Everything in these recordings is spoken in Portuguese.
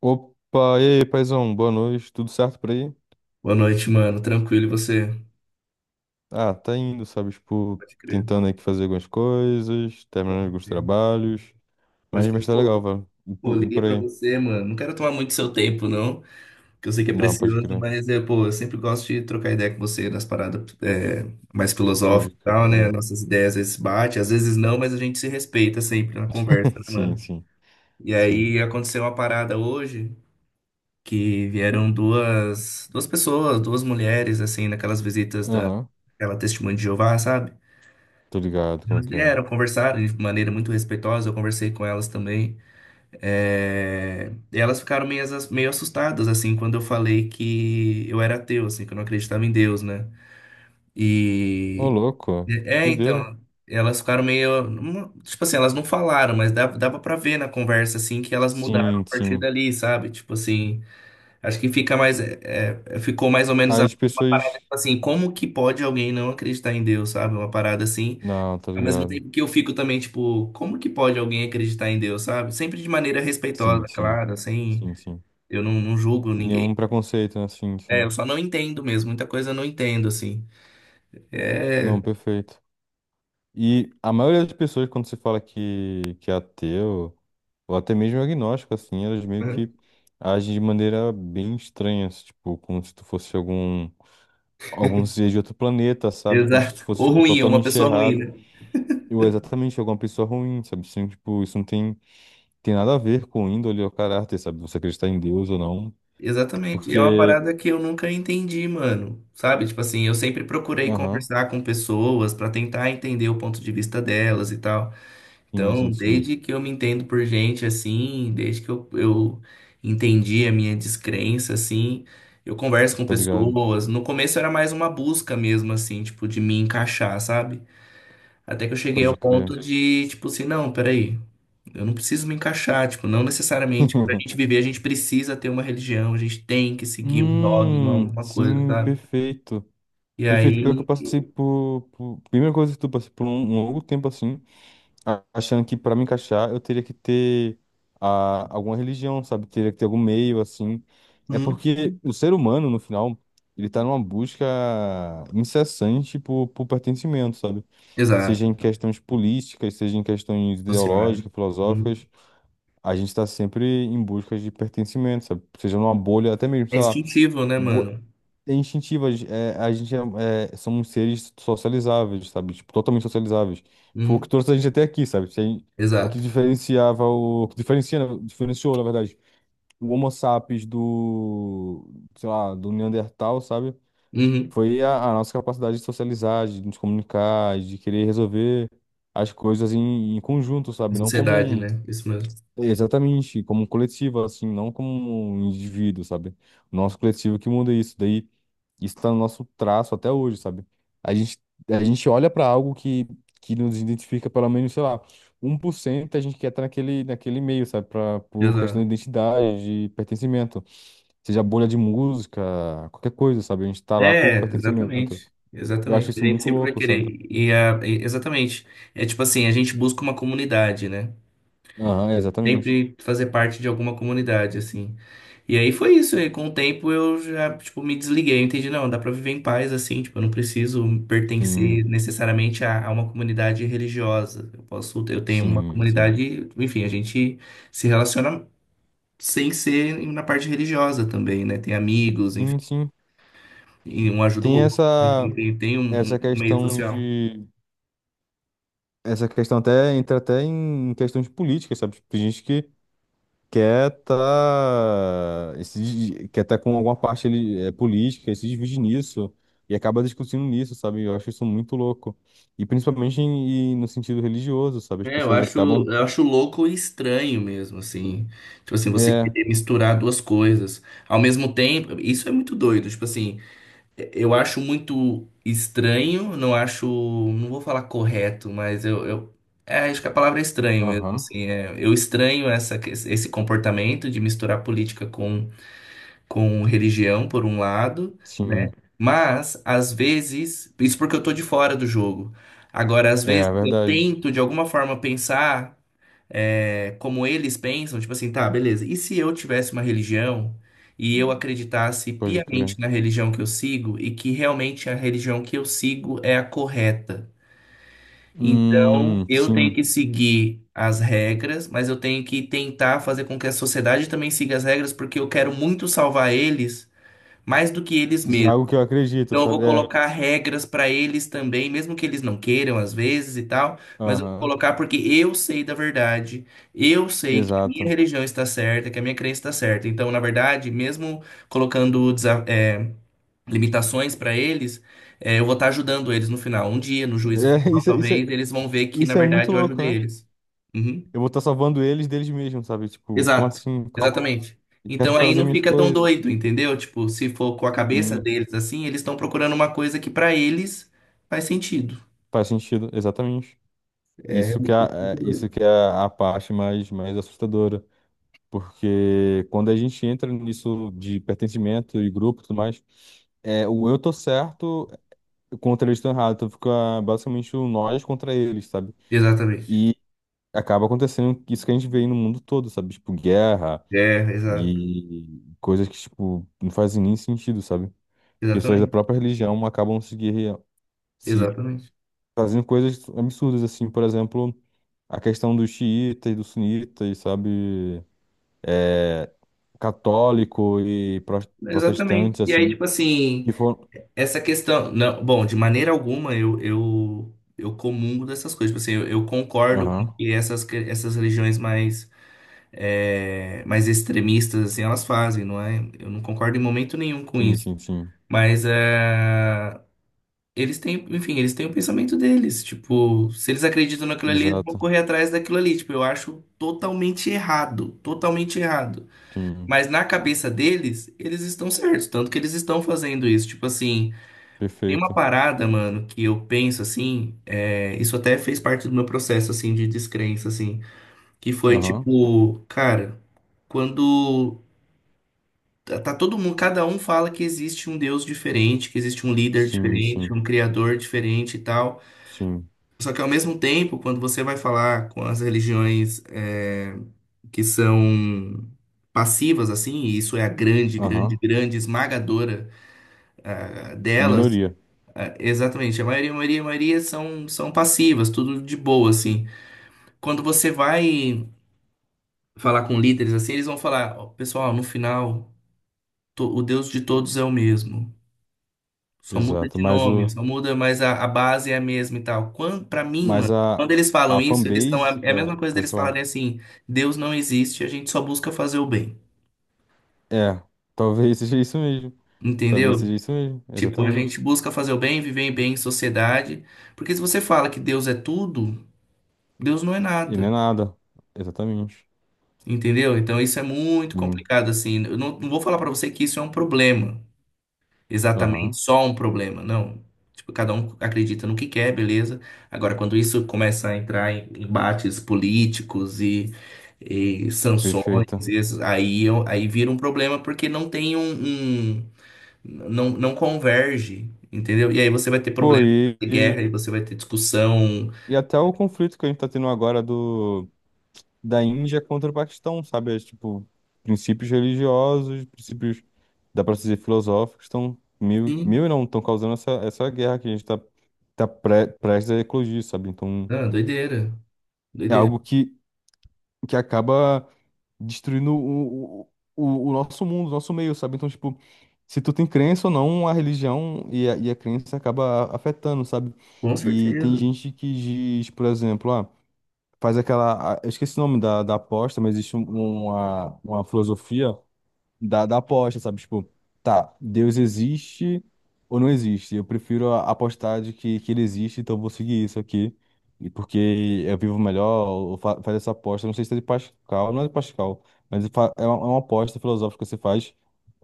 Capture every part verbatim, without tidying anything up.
Opa, e aí, paizão, boa noite, tudo certo por aí? Boa noite, mano. Tranquilo, e você? Ah, tá indo, sabe, tipo, Pode crer, tentando aqui fazer algumas coisas, pode terminando alguns crer. trabalhos, Pode mas, crer. mas tá legal, Pô, velho, e pô, por, e liguei por pra aí? você, mano. Não quero tomar muito seu tempo, não, que eu sei que é Não, pode precioso, crer, mas, é, pô, eu sempre gosto de trocar ideia com você nas paradas é, mais pode filosóficas e crer, pode tal, né? crer. Nossas ideias às vezes batem, às vezes não, mas a gente se respeita sempre na conversa, né, Sim, mano? sim, E sim. aí aconteceu uma parada hoje que vieram duas, duas pessoas, duas mulheres, assim, naquelas visitas Aham, daquela Testemunha de Jeová, sabe? tô ligado, como é Elas que é? vieram, conversaram de maneira muito respeitosa, eu conversei com elas também. É, e elas ficaram meio, as- meio assustadas, assim, quando eu falei que eu era ateu, assim, que eu não acreditava em Deus, né? Ô, E. louco, É, doideira. então. Elas ficaram meio. não- Tipo assim, elas não falaram, mas dava, dava pra ver na conversa, assim, que elas mudaram Sim, a partir sim. dali, sabe? Tipo assim, acho que fica mais. é, é, ficou mais ou menos a- As uma parada, pessoas... tipo assim, como que pode alguém não acreditar em Deus, sabe? Uma parada assim. Não, tá Ao mesmo ligado. tempo que eu fico também, tipo, como que pode alguém acreditar em Deus, sabe? Sempre de maneira Sim, respeitosa, sim, claro, assim, sim, sim. eu não, não julgo ninguém. Nenhum preconceito, né? Sim, É, eu sim. só não entendo mesmo, muita coisa eu não entendo, assim. É, Não, perfeito. E a maioria das pessoas, quando se fala que, que é ateu, ou até mesmo agnóstico, assim, elas meio né? que agem de maneira bem estranha, assim, tipo, como se tu fosse algum, algum ser de outro planeta, sabe? Como se tu Exato. fosse, Ou tipo, ruim, é uma totalmente pessoa ruim, errado, né? ou exatamente alguma pessoa ruim, sabe? Assim, tipo, isso não tem, tem nada a ver com índole ou caráter, sabe? Você acreditar em Deus ou não, Exatamente. E é uma porque... parada que eu nunca entendi, mano. Sabe? Tipo assim, eu sempre procurei Aham, conversar com pessoas pra tentar entender o ponto de vista delas e tal. sim, Então, sim, sim, desde que eu me entendo por gente assim, desde que eu, eu entendi a minha descrença assim, eu converso com tô ligado, pessoas. No começo era mais uma busca mesmo assim, tipo, de me encaixar, sabe? Até que eu cheguei ao pode ponto crer. de, tipo assim, não, peraí, eu não preciso me encaixar, tipo, não necessariamente pra gente viver a gente precisa ter uma religião, a gente tem que seguir um dogma, Hum, alguma coisa, sim, sabe? perfeito. E Perfeito, pior que eu aí. passei por, por- primeira coisa que tu passei por um, um longo tempo assim, a- achando que pra me encaixar eu teria que ter a, alguma religião, sabe? Teria que ter algum meio assim. É Hum. porque o ser humano, no final, ele tá numa busca incessante por, por pertencimento, sabe? Seja Exato. em questões políticas, seja em questões Social. ideológicas, Hum. filosóficas, a gente tá sempre em busca de pertencimento, sabe? Seja numa bolha, até mesmo, É sei lá. instintivo, né, bo- mano? É instintiva, a gen- é, a gente é, é, somos seres socializáveis, sabe? Tipo, totalmente socializáveis. Foi o que Hum. trouxe a gente até aqui, sabe? Se a gente- O que Exato. diferenciava o, o que diferencia, na- diferenciou, na verdade, o Homo sapiens do, sei lá, do Neandertal, sabe? Uhum. Foi a, a nossa capacidade de socializar, de nos comunicar, de querer resolver as coisas em, em conjunto, De sabe? Não como sociedade, um. né? Isso mesmo. Exatamente, como um coletivo, assim, não como um indivíduo, sabe? O nosso coletivo que muda isso, daí isso tá no nosso traço até hoje, sabe? A gente, a gente olha para algo que, que nos identifica pelo menos, sei lá, um por cento a gente quer estar naquele, naquele meio, sabe? Pra, por questão Exato. de identidade, de pertencimento, seja bolha de música, qualquer coisa, sabe? A gente tá lá por É, pertencimento. exatamente. Eu acho Exatamente. A isso gente muito sempre vai louco, querer. sabe? E a, e- exatamente. É tipo assim, a gente busca uma comunidade, né? Aham, exatamente. Sempre fazer parte de alguma comunidade, assim. E aí foi isso. E com o tempo eu já, tipo, me desliguei. Eu entendi, não, dá pra viver em paz, assim. Tipo, eu não preciso pertencer Sim, necessariamente a, a uma comunidade religiosa. Eu posso, eu tenho uma sim, sim. comunidade, enfim, a gente se relaciona sem ser na parte religiosa também, né? Tem amigos. Sim, sim. E um ajuda o Tem outro, né? E essa. tem, tem um Essa um meio questão social. de. Essa questão até entra até em questões políticas, sabe? Tipo, tem gente que quer tá. Esse, quer tá com alguma parte ali, é, política, e se divide nisso e acaba discutindo nisso, sabe? Eu acho isso muito louco. E principalmente em- e no sentido religioso, sabe? As É, eu pessoas acho, acabam. eu acho louco e estranho mesmo, assim. Tipo assim, você É. querer misturar duas coisas. Ao mesmo tempo, isso é muito doido. Tipo assim, eu acho muito estranho, não acho. Não vou falar correto, mas eu, eu é, acho que a palavra é estranho mesmo, Aham. assim. É. Eu estranho essa, esse comportamento de misturar política com com religião, por um lado, né? Sim. Mas, às vezes, isso porque eu tô de fora do jogo. Agora, às É, vezes, é eu verdade. tento, de alguma forma, pensar é, como eles pensam, tipo assim, tá, beleza. E se eu tivesse uma religião e eu acreditasse Pode crer. piamente na religião que eu sigo e que realmente a religião que eu sigo é a correta? Então, Hum, eu tenho sim. que seguir as regras, mas eu tenho que tentar fazer com que a sociedade também siga as regras, porque eu quero muito salvar eles mais do que eles De mesmos. algo que eu acredito, Então eu vou sabe? É. colocar regras para eles também, mesmo que eles não queiram às vezes e tal, mas eu vou Aham. colocar porque eu sei da verdade, eu sei que a minha Exato. religião está certa, que a minha crença está certa. Então, na verdade, mesmo colocando desa- é, limitações para eles, é, eu vou estar ajudando eles no final. Um dia, no É, juízo final, isso, é- isso, talvez, eles vão ver que, na isso é muito verdade, eu louco, ajudei né? eles. Uhum. Eu vou estar salvando eles deles mesmos, sabe? Tipo, como Exato, assim? Calma lá. exatamente. Eu quero Então aí fazer não minhas fica tão coisas. doido, entendeu? Tipo, se for com a cabeça Sim, deles assim, eles estão procurando uma coisa que pra eles faz sentido. faz sentido, exatamente. É Isso que é, muito é- Isso doido. que é a parte mais, mais assustadora. Porque quando a gente entra nisso de pertencimento e grupo e tudo mais, é, o eu tô certo contra eles estão errados. Então fica basicamente o nós contra eles, sabe? Exatamente. E acaba acontecendo isso que a gente vê aí no mundo todo, sabe? Tipo, guerra É, exato. e coisas que, tipo, não fazem nem sentido, sabe? Pessoas da Exatamente. própria religião acabam se guerreando, se Exatamente. fazendo coisas absurdas, assim, por exemplo, a questão dos xiitas, dos sunitas, sabe, é, católico e pro- Exatamente. protestantes, E aí, assim, tipo assim, que foram... essa questão. Não, bom, de maneira alguma eu, eu, eu comungo dessas coisas. Tipo assim, eu, eu concordo com o Aham, que essas, que- essas religiões mais, é, mais extremistas, assim, elas fazem, não é? Eu não concordo em momento nenhum com sim, isso. sim, sim, Mas é, eles têm, enfim, eles têm o pensamento deles. Tipo, se eles acreditam naquilo ali, eles vão exato, correr atrás daquilo ali. Tipo, eu acho totalmente errado, totalmente errado. sim, Mas na cabeça deles, eles estão certos, tanto que eles estão fazendo isso. Tipo assim, tem uma perfeito, parada, mano, que eu penso assim, é, isso até fez parte do meu processo assim de descrença assim, que foi aham, tipo, cara, quando tá tá todo mundo, cada um fala que existe um Deus diferente, que existe um líder sim, diferente, sim, um criador diferente e tal. sim, Só que ao mesmo tempo, quando você vai falar com as religiões é, que são passivas, assim, e isso é a grande, grande, aham, grande esmagadora ah, delas, minoria, ah, exatamente, a maioria, a maioria, a maioria são, são passivas, tudo de boa, assim. Quando você vai falar com líderes, assim, eles vão falar, "Ó, pessoal, no final, to- o Deus de todos é o mesmo. Só muda exato, de mas nome, o, só muda, mas a, a base é a mesma e tal. Quando, pra mim, mas mano, quando a, eles falam a isso, eles estão. É fanbase é a mesma da, coisa pode deles falar. falarem assim: Deus não existe, a gente só busca fazer o bem. É, talvez seja isso mesmo. Talvez Entendeu? seja isso mesmo, Tipo, a gente exatamente. busca fazer o bem, viver bem em sociedade. Porque se você fala que Deus é tudo, Deus não é E não nada. é nada, exatamente. Entendeu? Então isso é muito Hum, complicado, assim. Eu não, não vou falar pra você que isso é um problema. Exatamente Aham, só um problema, não. Tipo, cada um acredita no que quer, beleza? Agora, quando isso começa a entrar em embates políticos e, e sanções, perfeito. e aí, eu- aí vira um problema porque não tem um, um- não, não converge, entendeu? E aí você vai ter Pô, problema e, de e, guerra, e você vai ter discussão. e até o conflito que a gente tá tendo agora do, da Índia contra o Paquistão, sabe? É, tipo, princípios religiosos, princípios, dá pra dizer, filosóficos, estão mil, mil Sim, e não, estão causando essa, essa guerra que a gente tá, tá pre, prestes a eclodir, sabe? Então, ah, doideira, é doideira. algo que, que acaba destruindo o, o, o nosso mundo, o nosso meio, sabe? Então, tipo, se tu tem crença ou não, a religião e a, e a crença acaba a- afetando, sabe? Com E tem certeza. gente que diz, por exemplo, ah, faz aquela. ah, Eu esqueci o nome da, da aposta, mas existe um- uma, uma filosofia da, da aposta, sabe? Tipo, tá, Deus existe ou não existe? Eu prefiro a- apostar de que, que ele existe, então eu vou seguir isso aqui. E porque eu vivo melhor, ou fa faz essa aposta. Não sei se é de Pascal, não é de Pascal, mas ele fa- é uma, é uma aposta filosófica que você faz.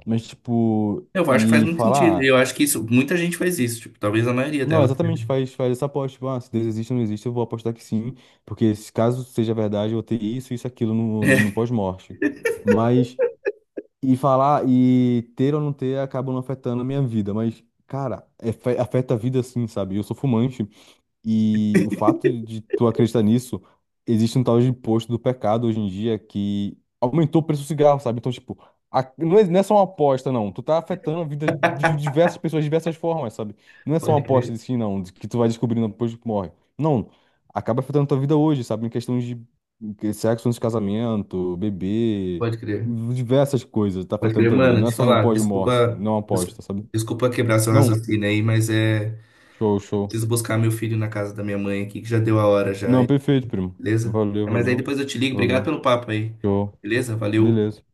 Mas, tipo, Eu acho que faz e muito sentido. falar. ah, Eu acho que isso, muita gente faz isso, tipo, talvez a maioria Não, delas. exatamente faz, faz essa aposta. Tipo, ah, se Deus existe ou não existe, eu vou apostar que sim. Porque se caso seja verdade, eu vou ter isso, isso, aquilo no, no pós-morte. Mas. E falar, e ter ou não ter acaba não afetando a minha vida, mas, cara, é- afeta a vida sim, sabe? Eu sou fumante, e o fato de tu acreditar nisso, existe um tal de imposto do pecado hoje em dia que aumentou o preço do cigarro, sabe? Então, tipo, a- não é, não é só uma aposta, não. Tu tá afetando a vida de diversas pessoas de diversas formas, sabe? Não é só uma Pode aposta crer, de si, não, de que tu vai descobrindo depois que morre. Não. Acaba afetando tua vida hoje, sabe? Em questões de de sexo antes de casamento, bebê, pode crer. diversas coisas tá Pode afetando crer, tua vida. mano, Não é te só no falar, pós-morte, desculpa, não é uma desculpa, aposta, sabe? desculpa quebrar seu Não. raciocínio aí, mas é, Show, show. preciso buscar meu filho na casa da minha mãe aqui, que já deu a hora já, Não, perfeito, primo. beleza? Valeu, É, mas aí valeu. depois eu te ligo, obrigado Valeu. pelo papo aí, Show. beleza? Valeu. Beleza.